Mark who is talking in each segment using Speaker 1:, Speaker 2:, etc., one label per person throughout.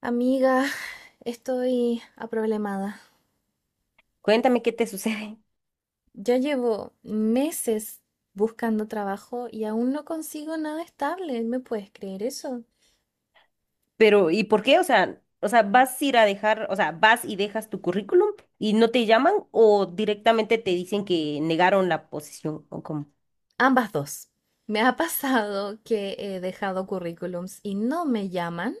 Speaker 1: Amiga, estoy aproblemada.
Speaker 2: Cuéntame qué te sucede.
Speaker 1: Ya llevo meses buscando trabajo y aún no consigo nada estable. ¿Me puedes creer eso?
Speaker 2: Pero, ¿y por qué? O sea, vas a ir a dejar, o sea, vas y dejas tu currículum y no te llaman o directamente te dicen que negaron la posición o cómo.
Speaker 1: Ambas dos. Me ha pasado que he dejado currículums y no me llaman.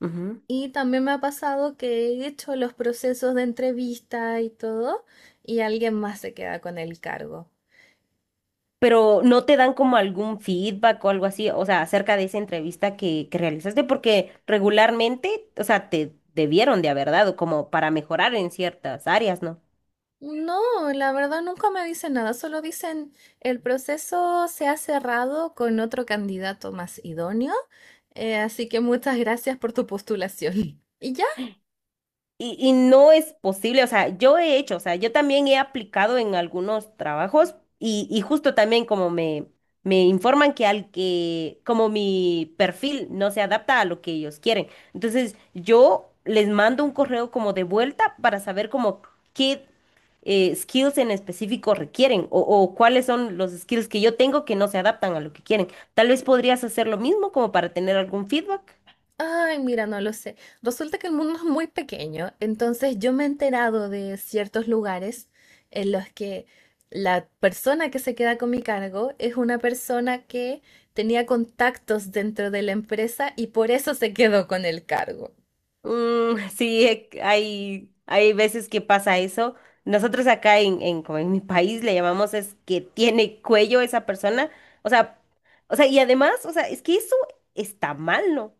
Speaker 2: Ujú.
Speaker 1: Y también me ha pasado que he hecho los procesos de entrevista y todo, y alguien más se queda con el cargo.
Speaker 2: Pero no te dan como algún feedback o algo así, o sea, acerca de esa entrevista que realizaste, porque regularmente, o sea, te debieron de haber dado como para mejorar en ciertas áreas, ¿no?
Speaker 1: No, la verdad nunca me dicen nada, solo dicen el proceso se ha cerrado con otro candidato más idóneo, así que muchas gracias por tu postulación. ¿Y ya?
Speaker 2: Y no es posible, o sea, yo he hecho, o sea, yo también he aplicado en algunos trabajos y justo también me informan que al que, como mi perfil no se adapta a lo que ellos quieren. Entonces, yo les mando un correo como de vuelta para saber como qué skills en específico requieren o cuáles son los skills que yo tengo que no se adaptan a lo que quieren. Tal vez podrías hacer lo mismo como para tener algún feedback.
Speaker 1: Ay, mira, no lo sé. Resulta que el mundo es muy pequeño, entonces yo me he enterado de ciertos lugares en los que la persona que se queda con mi cargo es una persona que tenía contactos dentro de la empresa y por eso se quedó con el cargo.
Speaker 2: Mm, sí, hay veces que pasa eso. Nosotros acá como en mi país le llamamos es que tiene cuello esa persona. O sea, o sea, y además, o sea, es que eso está mal, ¿no?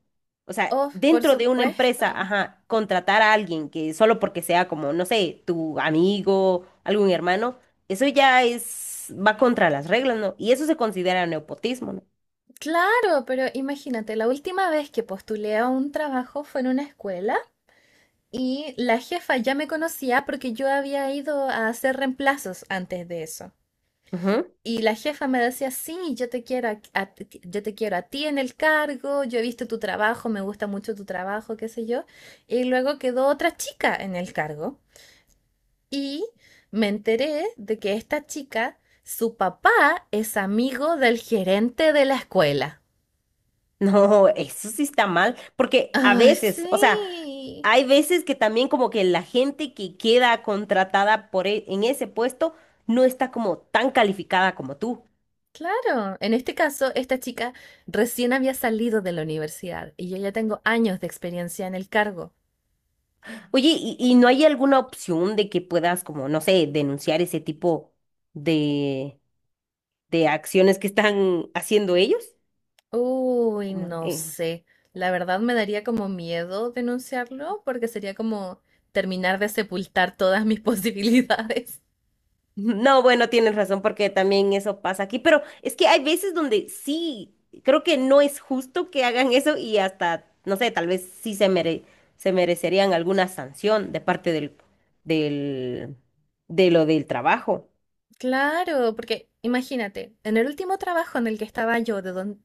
Speaker 2: O sea,
Speaker 1: Oh, por
Speaker 2: dentro de una empresa,
Speaker 1: supuesto.
Speaker 2: ajá, contratar a alguien que solo porque sea como, no sé, tu amigo, algún hermano, eso ya es, va contra las reglas, ¿no? Y eso se considera nepotismo, ¿no?
Speaker 1: Claro, pero imagínate, la última vez que postulé a un trabajo fue en una escuela y la jefa ya me conocía porque yo había ido a hacer reemplazos antes de eso.
Speaker 2: Ujú.
Speaker 1: Y la jefa me decía, sí, yo te quiero a ti en el cargo, yo he visto tu trabajo, me gusta mucho tu trabajo, qué sé yo. Y luego quedó otra chica en el cargo y me enteré de que esta chica, su papá es amigo del gerente de la escuela.
Speaker 2: No, eso sí está mal, porque a
Speaker 1: Ay,
Speaker 2: veces,
Speaker 1: sí,
Speaker 2: o sea, hay veces que también como que la gente que queda contratada por en ese puesto no está como tan calificada como tú.
Speaker 1: claro. En este caso, esta chica recién había salido de la universidad y yo ya tengo años de experiencia en el cargo.
Speaker 2: Oye, ¿y no hay alguna opción de que puedas como, no sé, denunciar ese tipo de, de acciones que están haciendo ellos?
Speaker 1: Uy,
Speaker 2: Como,
Speaker 1: no sé. La verdad me daría como miedo denunciarlo porque sería como terminar de sepultar todas mis posibilidades.
Speaker 2: no, bueno, tienes razón porque también eso pasa aquí, pero es que hay veces donde sí, creo que no es justo que hagan eso y hasta, no sé, tal vez se merecerían alguna sanción de parte del, de lo del trabajo.
Speaker 1: Claro, porque imagínate, en el último trabajo en el que estaba yo,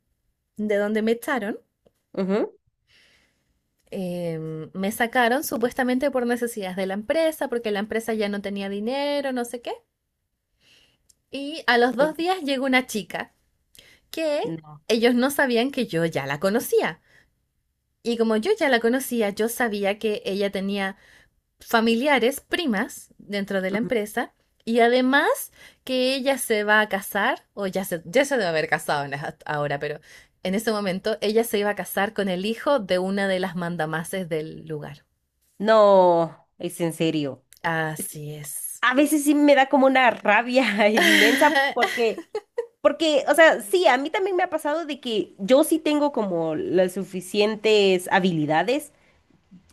Speaker 1: de donde me echaron,
Speaker 2: Ujú.
Speaker 1: me sacaron supuestamente por necesidades de la empresa, porque la empresa ya no tenía dinero, no sé qué. Y a los
Speaker 2: Sí.
Speaker 1: dos días llegó una chica que
Speaker 2: No,
Speaker 1: ellos no sabían que yo ya la conocía. Y como yo ya la conocía, yo sabía que ella tenía familiares, primas, dentro de la
Speaker 2: ujú.
Speaker 1: empresa. Y además que ella se va a casar, ya se debe haber casado ahora, pero en ese momento ella se iba a casar con el hijo de una de las mandamases del lugar.
Speaker 2: No, es en serio. Es que
Speaker 1: Así es.
Speaker 2: a veces sí me da como una rabia inmensa porque porque, o sea, sí, a mí también me ha pasado de que yo sí tengo como las suficientes habilidades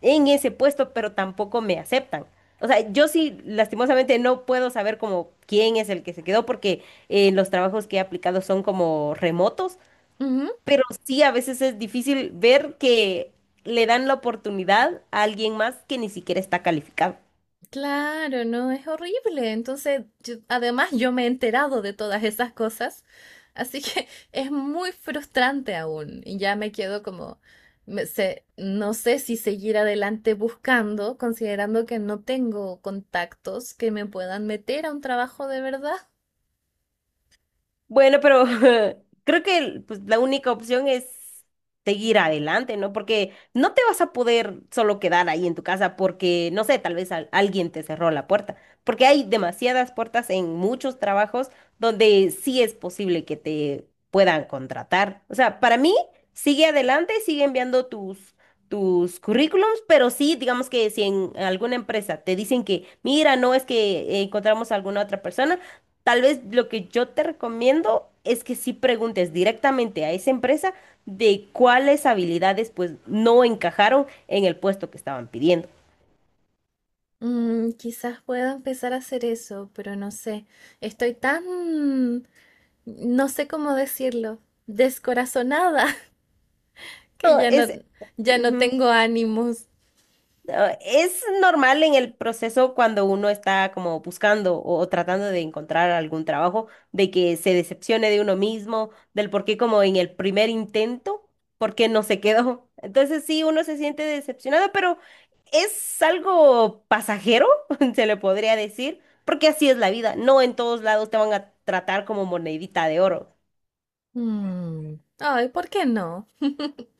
Speaker 2: en ese puesto, pero tampoco me aceptan. O sea, yo sí, lastimosamente, no puedo saber como quién es el que se quedó, porque los trabajos que he aplicado son como remotos,
Speaker 1: Ujú.
Speaker 2: pero sí a veces es difícil ver que le dan la oportunidad a alguien más que ni siquiera está calificado.
Speaker 1: Claro, no, es horrible. Entonces, además yo me he enterado de todas esas cosas, así que es muy frustrante aún. Y ya me quedo como, no sé si seguir adelante buscando, considerando que no tengo contactos que me puedan meter a un trabajo de verdad.
Speaker 2: Bueno, pero creo que pues, la única opción es seguir adelante, ¿no? Porque no te vas a poder solo quedar ahí en tu casa porque, no sé, tal vez alguien te cerró la puerta, porque hay demasiadas puertas en muchos trabajos donde sí es posible que te puedan contratar. O sea, para mí, sigue adelante, sigue enviando tus... tus currículums, pero sí, digamos que si en alguna empresa te dicen que, mira, no es que encontramos a alguna otra persona. Tal vez lo que yo te recomiendo es que sí preguntes directamente a esa empresa de cuáles habilidades pues no encajaron en el puesto que estaban pidiendo.
Speaker 1: Mm, quizás pueda empezar a hacer eso, pero no sé. Estoy tan, no sé cómo decirlo, descorazonada que
Speaker 2: No, es,
Speaker 1: ya no
Speaker 2: ujú.
Speaker 1: tengo ánimos.
Speaker 2: Ah, es normal en el proceso cuando uno está como buscando o tratando de encontrar algún trabajo, de que se decepcione de uno mismo, del por qué como en el primer intento, por qué no se quedó. Entonces sí, uno se siente decepcionado, pero es algo pasajero, se le podría decir, porque así es la vida. No en todos lados te van a tratar como monedita de oro,
Speaker 1: Mm, ay, ¿por qué no?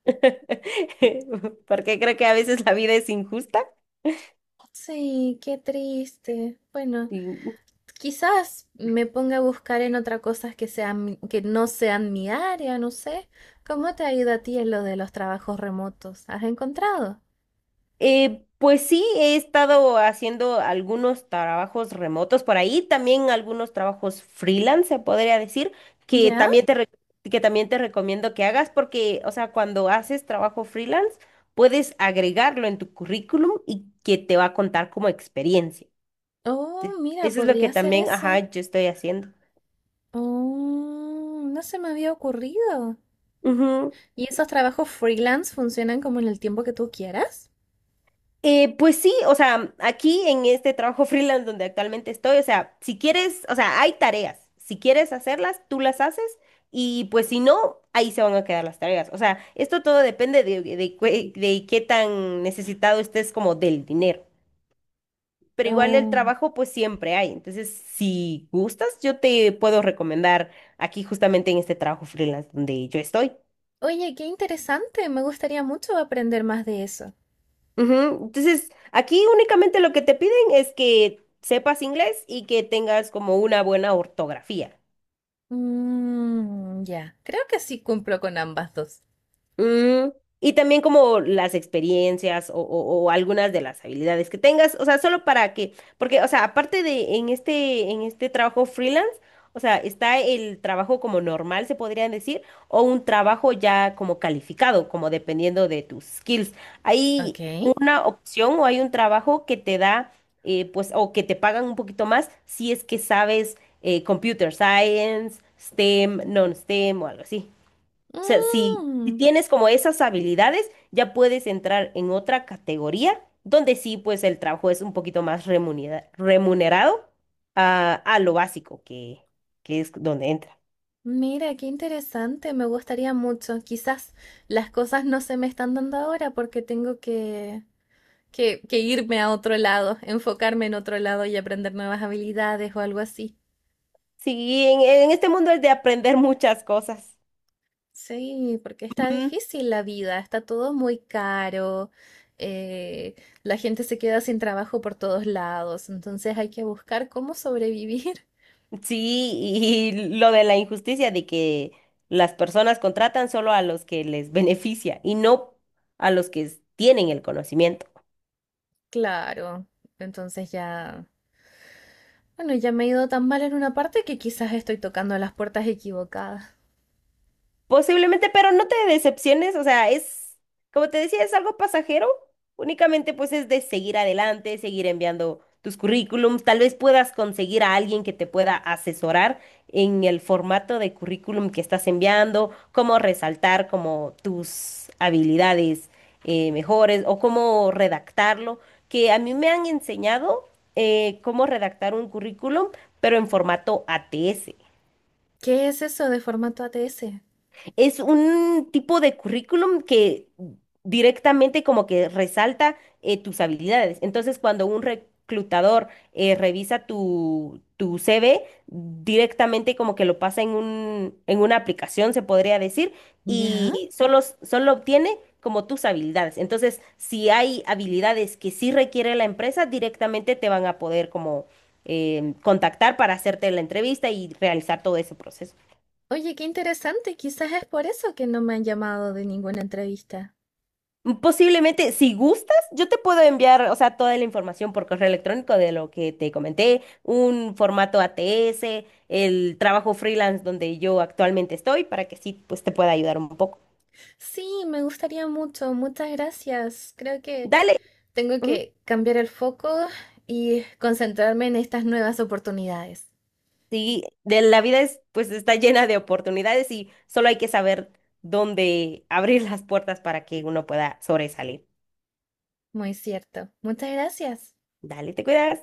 Speaker 2: porque creo que a veces la vida es injusta.
Speaker 1: Sí, qué triste. Bueno, quizás me ponga a buscar en otra cosas que sean, que no sean mi área, no sé. ¿Cómo te ha ido a ti en lo de los trabajos remotos? ¿Has encontrado?
Speaker 2: Pues sí, he estado haciendo algunos trabajos remotos por ahí, también algunos trabajos freelance, se podría decir, que
Speaker 1: ¿Ya?
Speaker 2: también te, re- que también te recomiendo que hagas porque, o sea, cuando haces trabajo freelance, puedes agregarlo en tu currículum y que te va a contar como experiencia.
Speaker 1: Oh,
Speaker 2: Te-
Speaker 1: mira,
Speaker 2: eso es lo
Speaker 1: podría
Speaker 2: que
Speaker 1: hacer
Speaker 2: también, ajá,
Speaker 1: eso.
Speaker 2: yo estoy haciendo.
Speaker 1: Oh, no se me había ocurrido. ¿Y esos trabajos freelance funcionan como en el tiempo que tú quieras?
Speaker 2: Pues sí, o sea, aquí en este trabajo freelance donde actualmente estoy, o sea, si quieres, o sea, hay tareas. Si quieres hacerlas, tú las haces y pues si no, ahí se van a quedar las tareas. O sea, esto todo depende de qué tan necesitado estés como del dinero. Pero igual el
Speaker 1: Oh.
Speaker 2: trabajo pues siempre hay. Entonces, si gustas, yo te puedo recomendar aquí justamente en este trabajo freelance donde yo estoy.
Speaker 1: Oye, qué interesante. Me gustaría mucho aprender más de eso.
Speaker 2: Ujú. Entonces, aquí únicamente lo que te piden es que sepas inglés y que tengas como una buena ortografía.
Speaker 1: Mm, ya, creo que sí cumplo con ambas dos.
Speaker 2: Mm, y también como las experiencias o algunas de las habilidades que tengas, o sea, solo para que, porque, o sea, aparte de en este trabajo freelance, o sea, está el trabajo como normal, se podrían decir, o un trabajo ya como calificado, como dependiendo de tus skills.
Speaker 1: Ok.
Speaker 2: Hay una opción o hay un trabajo que te da, pues, o que te pagan un poquito más si es que sabes computer science, STEM, non-STEM o algo así. O sea, si
Speaker 1: Mm,
Speaker 2: tienes como esas habilidades, ya puedes entrar en otra categoría donde sí, pues el trabajo es un poquito más remunerado a lo básico que es donde entra.
Speaker 1: mira, qué interesante. Me gustaría mucho. Quizás las cosas no se me están dando ahora porque tengo que irme a otro lado, enfocarme en otro lado y aprender nuevas habilidades o algo así.
Speaker 2: Sí, en este mundo es de aprender muchas cosas.
Speaker 1: Sí, porque está
Speaker 2: Ujú.
Speaker 1: difícil la vida, está todo muy caro, eh, la gente se queda sin trabajo por todos lados, entonces hay que buscar cómo sobrevivir.
Speaker 2: Sí, y lo de la injusticia de que las personas contratan solo a los que les beneficia y no a los que tienen el conocimiento.
Speaker 1: Claro, entonces ya, bueno, ya me he ido tan mal en una parte que quizás estoy tocando las puertas equivocadas.
Speaker 2: Posiblemente, pero no te decepciones, o sea, es, como te decía, es algo pasajero, únicamente pues es de seguir adelante, seguir enviando tus currículums, tal vez puedas conseguir a alguien que te pueda asesorar en el formato de currículum que estás enviando, cómo resaltar como tus habilidades mejores o cómo redactarlo, que a mí me han enseñado cómo redactar un currículum, pero en formato ATS.
Speaker 1: ¿Qué es eso de formato ATS?
Speaker 2: Es un tipo de currículum que directamente como que resalta tus habilidades. Entonces, cuando un reclutador revisa tu CV, directamente como que lo pasa en un, en una aplicación, se podría decir,
Speaker 1: ¿Ya?
Speaker 2: y solo obtiene como tus habilidades. Entonces, si hay habilidades que sí requiere la empresa, directamente te van a poder como contactar para hacerte la entrevista y realizar todo ese proceso.
Speaker 1: Oye, qué interesante, quizás es por eso que no me han llamado de ninguna entrevista.
Speaker 2: Posiblemente, si gustas, yo te puedo enviar, o sea, toda la información por correo electrónico de lo que te comenté, un formato ATS, el trabajo freelance donde yo actualmente estoy, para que sí, pues te pueda ayudar un poco.
Speaker 1: Sí, me gustaría mucho, muchas gracias. Creo que...
Speaker 2: Dale.
Speaker 1: Tengo
Speaker 2: Ujú.
Speaker 1: que cambiar el foco y concentrarme en estas nuevas oportunidades.
Speaker 2: Sí, de la vida es, pues está llena de oportunidades y solo hay que saber dónde abrir las puertas para que uno pueda sobresalir.
Speaker 1: Muy cierto. Muchas gracias.
Speaker 2: Dale, te cuidas.